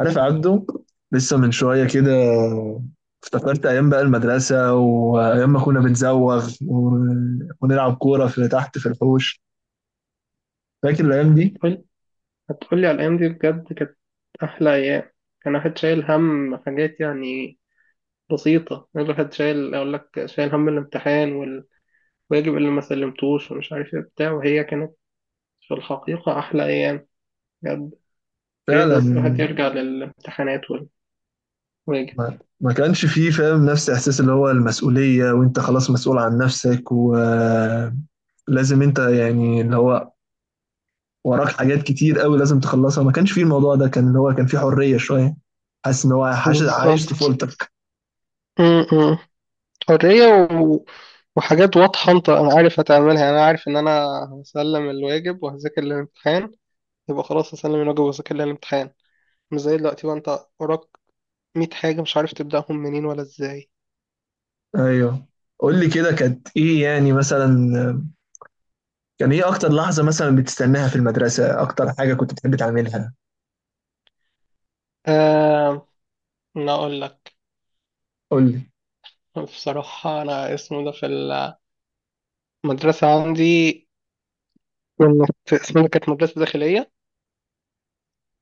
عارف عبده، لسه من شوية كده افتكرت أيام بقى المدرسة وأيام ما كنا بنزوغ ونلعب كورة في تحت في الحوش. فاكر الأيام دي؟ هتقول هتقولي على الأيام دي بجد كانت أحلى أيام. كان واحد شايل هم حاجات يعني بسيطة. يعني الواحد شايل، أقول لك، شايل هم الامتحان والواجب اللي ما سلمتوش ومش عارف إيه بتاع، وهي كانت في الحقيقة أحلى أيام بجد. يا ريت فعلا. بس الواحد يرجع للامتحانات والواجب. ما كانش فيه فاهم نفس إحساس اللي هو المسؤولية، وأنت خلاص مسؤول عن نفسك ولازم أنت يعني اللي هو وراك حاجات كتير قوي لازم تخلصها. ما كانش فيه الموضوع ده، كان اللي هو كان فيه حرية شوية. حاسس إن هو عايش عايش بالظبط. طفولتك. م- م. حرية و... وحاجات واضحة. أنت أنا عارف هتعملها، أنا عارف إن أنا هسلم الواجب وهذاكر الامتحان، يبقى خلاص هسلم الواجب وهذاكر الامتحان. مش زي دلوقتي بقى، انت وراك 100 حاجة مش عارف تبدأهم منين ولا ازاي. أيوه، قول لي كده، كانت إيه يعني مثلا؟ كان ايه اكتر لحظة مثلا بتستناها في المدرسة؟ اكتر حاجة كنت بتحب تعملها؟ آه، أنا أقول لك قول لي. بصراحة. أنا اسمه ده في المدرسة عندي اسمها كانت مدرسة داخلية.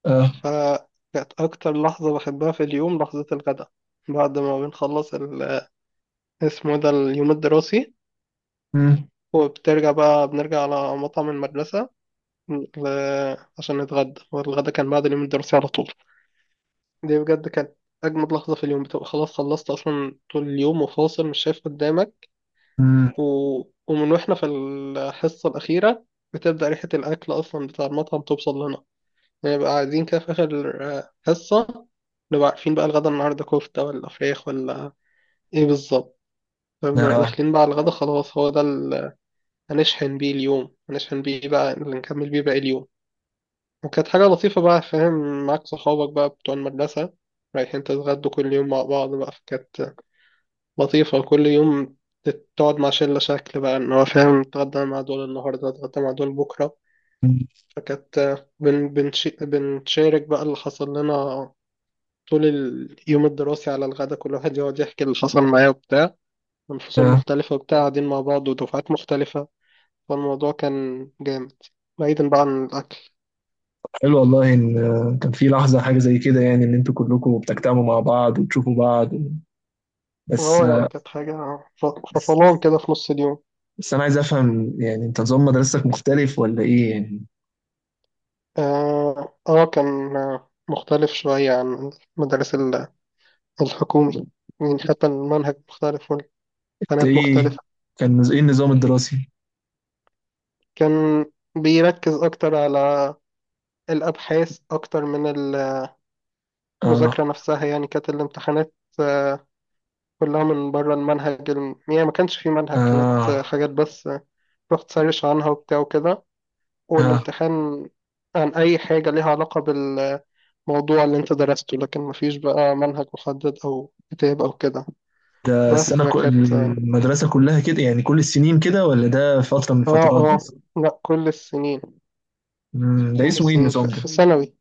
اه. فكانت أكتر لحظة بحبها في اليوم لحظة الغداء، بعد ما بنخلص اسمه ده اليوم الدراسي. امم. وبترجع بقى بنرجع على مطعم المدرسة عشان نتغدى، والغدا كان بعد اليوم الدراسي على طول. دي بجد كانت أجمد لحظة في اليوم، بتبقى خلاص خلصت أصلا طول اليوم وفاصل مش شايف قدامك. امم. و... ومن وإحنا في الحصة الأخيرة بتبدأ ريحة الأكل أصلا بتاع المطعم توصل لنا، نبقى قاعدين كده في آخر حصة، نبقى عارفين بقى الغدا النهاردة كفتة ولا فراخ ولا إيه بالظبط. فبنبقى اه. داخلين بقى على الغدا، خلاص هو ده اللي هنشحن بيه اليوم، هنشحن بيه بقى اللي نكمل بيه باقي اليوم. وكانت حاجة لطيفة بقى، فاهم؟ معاك صحابك بقى بتوع المدرسة رايحين تتغدوا كل يوم مع بعض بقى، فكانت لطيفة. وكل يوم تقعد مع شلة شكل بقى، إن هو فاهم، نتغدى مع دول النهاردة نتغدى مع دول بكرة. مم. فكانت بنشارك بقى اللي حصل لنا طول اليوم الدراسي على الغدا، كل واحد يقعد يحكي اللي حصل معاه وبتاع، من فصول آه. مختلفة وبتاع، قاعدين مع بعض ودفعات مختلفة. فالموضوع كان جامد، بعيدا بقى عن الأكل. حلو والله، ان كان في لحظة حاجة زي كده يعني، ان انتوا كلكم بتجتمعوا مع بعض وتشوفوا بعض و- بس اه يعني آه، كانت حاجة ف- بس فصلان كده في نص اليوم. بس انا عايز افهم يعني، انت نظام مدرستك مختلف ولا ايه يعني؟ كان مختلف شوية عن المدارس الحكومي، يعني حتى المنهج مختلف انت والقناة ايه؟ مختلفة. كان ايه النظام الدراسي؟ كان بيركز أكتر على الأبحاث أكتر من اه. المذاكرة نفسها. يعني كانت الامتحانات آه، كلها من بره المنهج. يعني ما كانش في منهج، كانت اه. حاجات بس، رحت سيرش عنها وبتاع وكده، اه. والامتحان عن أي حاجة ليها علاقة بالموضوع اللي أنت درسته، لكن مفيش بقى منهج محدد أو كتاب أو كده. ده بس السنة كل فكانت اه. المدرسة كلها كده يعني، كل السنين كده، ولا ده فترة من اه الفترات آه، بس؟ لأ، كل السنين. مم. ده كل اسمه ايه السنين في النظام ده؟ ثانوي،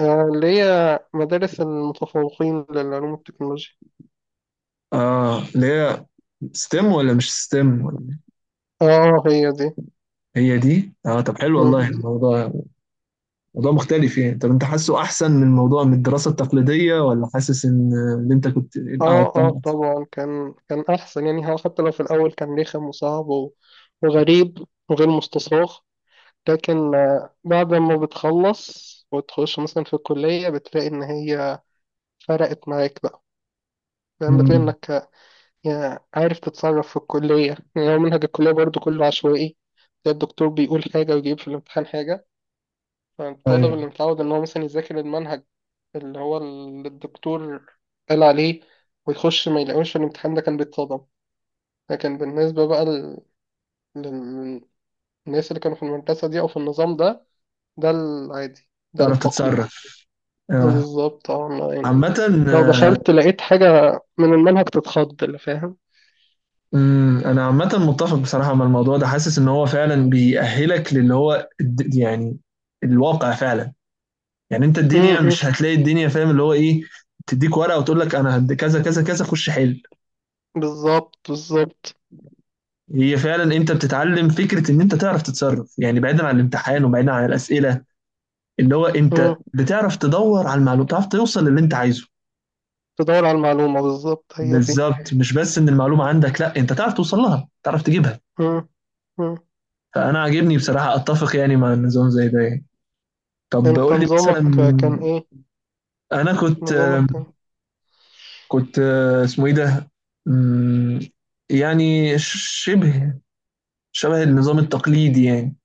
اللي هي مدارس المتفوقين للعلوم والتكنولوجيا. اه، اللي هي ستيم ولا مش ستيم؟ اه هي دي. هي دي؟ اه، طب حلو والله. يعني مم. الموضوع موضوع مختلف يعني. طب انت حاسه احسن من الموضوع، من الدراسة التقليدية، ولا حاسس ان اللي انت كنت اه قعدت؟ اه طبعا، كان احسن. يعني هو حتى لو في الاول كان رخم وصعب وغريب وغير مستصاغ، لكن بعد ما بتخلص وتخش مثلا في الكلية بتلاقي ان هي فرقت معاك بقى. يعني بتلاقي امم. انك يعني عارف تتصرف في الكلية. يعني هو منهج الكلية برضو كله عشوائي، تلاقي الدكتور بيقول حاجة ويجيب في الامتحان حاجة. فالطالب ايوه. اللي متعود ان هو مثلا يذاكر المنهج اللي هو الدكتور قال عليه، ويخش ما يلاقوش في الامتحان، ده كان بيتصدم. لكن بالنسبة بقى للناس اللي كانوا في المدرسة دي أو في النظام ده، ده العادي، ده تعرف التقليدي. تتصرف. آه. بالظبط. اه أنا يعني عامة. لو آه، دخلت لقيت حاجة من المنهج تتخض، اللي فاهم. مم. أنا عامة متفق بصراحة مع الموضوع ده، حاسس إن هو فعلا بيأهلك للي هو يعني الواقع فعلا. يعني انت، م- الدنيا م. مش هتلاقي الدنيا فاهم اللي هو ايه تديك ورقه وتقول لك انا هد كذا كذا كذا خش حل. بالظبط بالظبط. هي فعلا، انت بتتعلم فكره ان انت تعرف تتصرف يعني، بعيدا عن الامتحان وبعيدا عن الاسئله، اللي هو م. انت بتعرف تدور على المعلومه، بتعرف توصل للي انت عايزه. تدور على المعلومة بالظبط، هي دي. بالظبط. مش بس ان المعلومه عندك، لا انت تعرف توصل لها، تعرف تجيبها. م- م. فانا عاجبني بصراحه، اتفق يعني مع النظام زي ده يعني. طب انت قول لي مثلا، نظامك كان ايه؟ انا كنت نظامك كان؟ كنت اسمه ايه ده. مم. يعني شبه شبه النظام التقليدي يعني،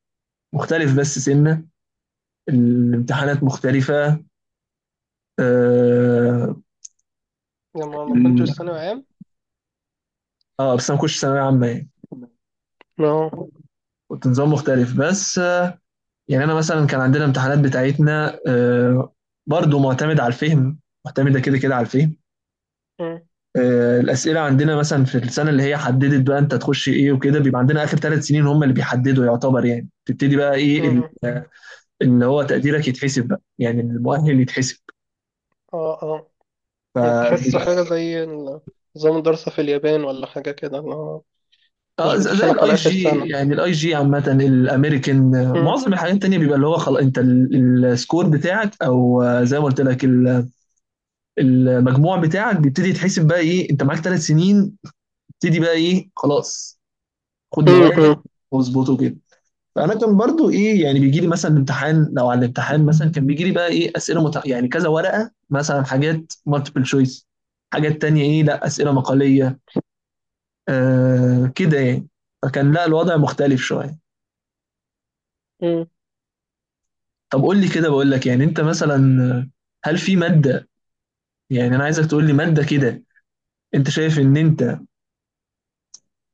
مختلف بس سنة، الامتحانات مختلفة. اه، يعني ما كنتش ال- ثانوي عام؟ بس انا ما كنتش ثانوية عامة يعني. لا. كنت نظام مختلف بس، يعني انا مثلا كان عندنا امتحانات بتاعتنا، برضو معتمد على الفهم، معتمدة كده كده على الفهم. الأسئلة عندنا مثلا في السنة اللي هي حددت بقى أنت تخش إيه وكده، بيبقى عندنا آخر 3 سنين هم اللي بيحددوا يعتبر يعني، تبتدي بقى إيه مم. اللي هو تقديرك يتحسب بقى يعني، المؤهل يتحسب. اه اه، يعني تحس فبيبقى حاجة زي نظام الدراسة في اليابان ولا حاجة كده، اللي هو مش اه، زي بيدخلك الاي على آخر جي سنة. يعني، الاي جي عامة، الامريكان، مم. معظم الحاجات التانية بيبقى اللي هو خلاص انت السكور بتاعك او، زي ما قلت لك المجموع بتاعك بيبتدي يتحسب بقى ايه، انت معاك 3 سنين، تبتدي بقى ايه، خلاص خد مم. موادك مم. واظبطه كده. فانا كان برضو ايه يعني، بيجي لي مثلا الامتحان، لو على الامتحان مثلا كان بيجي لي بقى ايه اسئله يعني كذا ورقه مثلا، حاجات مالتيبل شويس، حاجات تانية ايه لا اسئله مقاليه، كده يعني. فكان لا الوضع مختلف شويه. مم. طب قول لي كده بقول لك، يعني انت مثلا هل في مادة، يعني انا عايزك تقول لي مادة كده انت شايف ان انت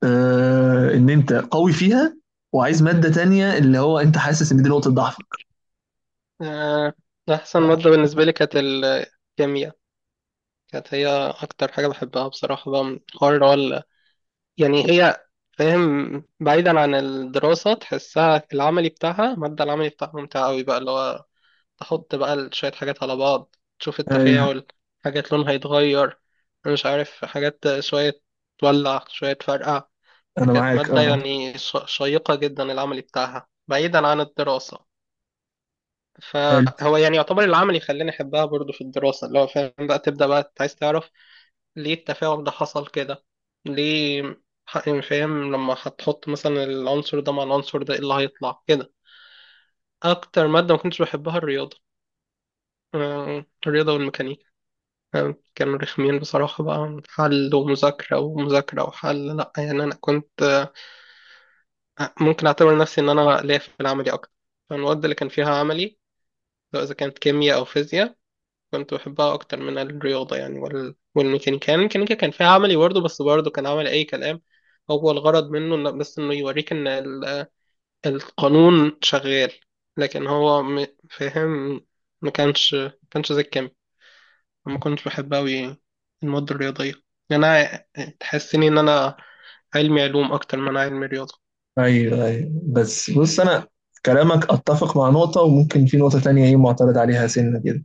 ان انت قوي فيها، وعايز مادة تانية اللي هو انت حاسس ان دي نقطة ضعفك. آه، أحسن مادة بالنسبة لي كانت الكيمياء، كانت هي أكتر حاجة بحبها بصراحة بقى من حوار اللي يعني هي، فاهم؟ بعيدا عن الدراسة تحسها العملي بتاعها، المادة العملي بتاعها ممتعة أوي بقى، اللي هو تحط بقى شوية حاجات على بعض تشوف ايوه. التفاعل، حاجات لونها يتغير، أنا مش عارف، حاجات شوية تولع شوية تفرقع. انا فكانت معاك مادة اه. يعني شيقة جدا، العملي بتاعها بعيدا عن الدراسة. حلو. فهو يعني يعتبر العملي خلاني أحبها برضو في الدراسة، اللي هو فاهم بقى تبدأ بقى عايز تعرف ليه التفاعل ده حصل كده، ليه. يعني فاهم لما هتحط مثلا العنصر ده مع العنصر ده ايه اللي هيطلع كده. أكتر مادة ما كنتش بحبها الرياضة. الرياضة والميكانيكا، فاهم؟ كانوا رخمين بصراحة بقى، حل ومذاكرة ومذاكرة وحل. لأ يعني أنا كنت، ممكن أعتبر نفسي إن أنا ليا في العملي أكتر. فالمواد اللي كان فيها عملي، سواء إذا كانت كيمياء أو فيزياء، كنت بحبها أكتر من الرياضة يعني والميكانيكا. يعني الميكانيكا كان فيها عملي برضه، بس برضه كان عملي أي كلام، هو الغرض منه إن بس إنه يوريك إن القانون شغال، لكن هو م، فاهم؟ ما كانش زي الكيمياء. ما كنتش بحب أوي المواد الرياضية. يعني أنا تحسني إن أنا علمي علوم أكتر ما أنا علمي رياضة. ايوه، ايوه. بس بص انا كلامك اتفق مع نقطة، وممكن في نقطة تانية ايه معترض عليها سنة كده.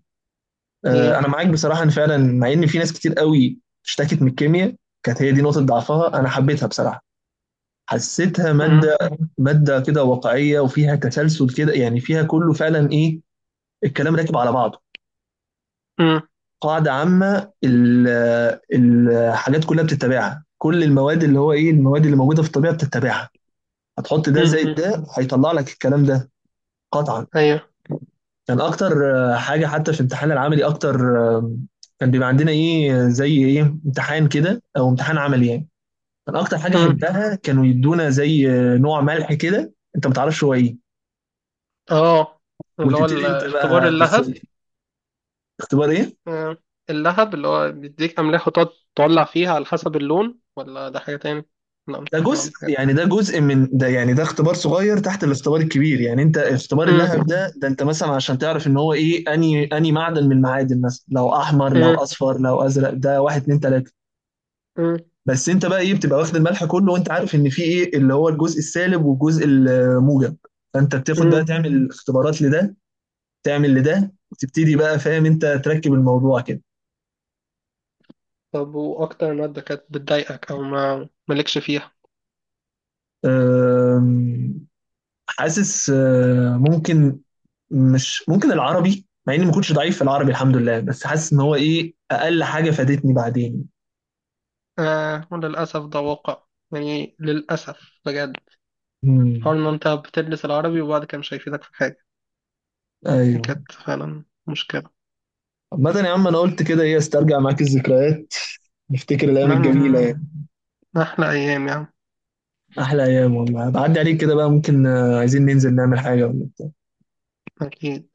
آه، إيه؟ انا معاك بصراحة ان فعلا مع ان في ناس كتير قوي اشتكت من الكيمياء، كانت هي دي نقطة ضعفها، انا حبيتها بصراحة. حسيتها أمم، مادة، مادة كده واقعية وفيها تسلسل كده يعني، فيها كله فعلا ايه، الكلام راكب على بعضه. أمم، قاعدة عامة الحاجات كلها بتتبعها، كل المواد اللي هو ايه، المواد اللي موجودة في الطبيعة بتتبعها. هتحط ده أمم، زائد أمم. ده هيطلع لك الكلام ده. قطعا. أيوه. كان اكتر حاجة، حتى في الامتحان العملي اكتر، كان بيبقى عندنا ايه زي ايه امتحان كده او امتحان عملي يعني. كان اكتر حاجة أمم. حبتها كانوا يدونا زي نوع ملح كده انت ما تعرفش هو ايه، أه اللي هو وتبتدي انت الاختبار بقى بس. اللهب. اختبار ايه؟ آه، اللهب اللي هو بيديك أملاح وتقعد تولع فيها على حسب اللون، ولا ده حاجة تاني؟ لا ده جزء كمان حاجة. يعني، ده جزء من ده يعني، ده اختبار صغير تحت الاختبار الكبير يعني. انت اختبار اللهب أمم، ده، ده انت مثلا عشان تعرف ان هو ايه اني معدن من المعادن مثلا، لو احمر لو أمم، اصفر لو ازرق، ده واحد اتنين تلاته. أمم، بس انت بقى ايه، بتبقى واخد الملح كله وانت عارف ان في ايه اللي هو الجزء السالب والجزء الموجب. فانت بتاخد بقى أمم. تعمل اختبارات لده، تعمل لده، وتبتدي بقى فاهم انت تركب الموضوع كده. طب وأكتر مادة كانت بتضايقك أو ما مالكش فيها؟ أم، حاسس ممكن، مش ممكن العربي مع اني ما كنتش ضعيف في العربي الحمد لله، بس حاسس ان هو ايه اقل حاجه فادتني بعدين. آه وللأسف ده واقع، يعني للأسف بجد. امم. حوار ان انت بتدرس العربي وبعد كده مش هيفيدك في حاجة، ايوه. كانت فعلا مشكلة. عامة يا عم انا قلت كده ايه، استرجع معاك الذكريات، نفتكر الايام الجميله يعني يعني. احلى ايام يعني. احلى ايام والله. بعدي عليك كده بقى، ممكن عايزين ننزل نعمل حاجه ولا؟ اكيد.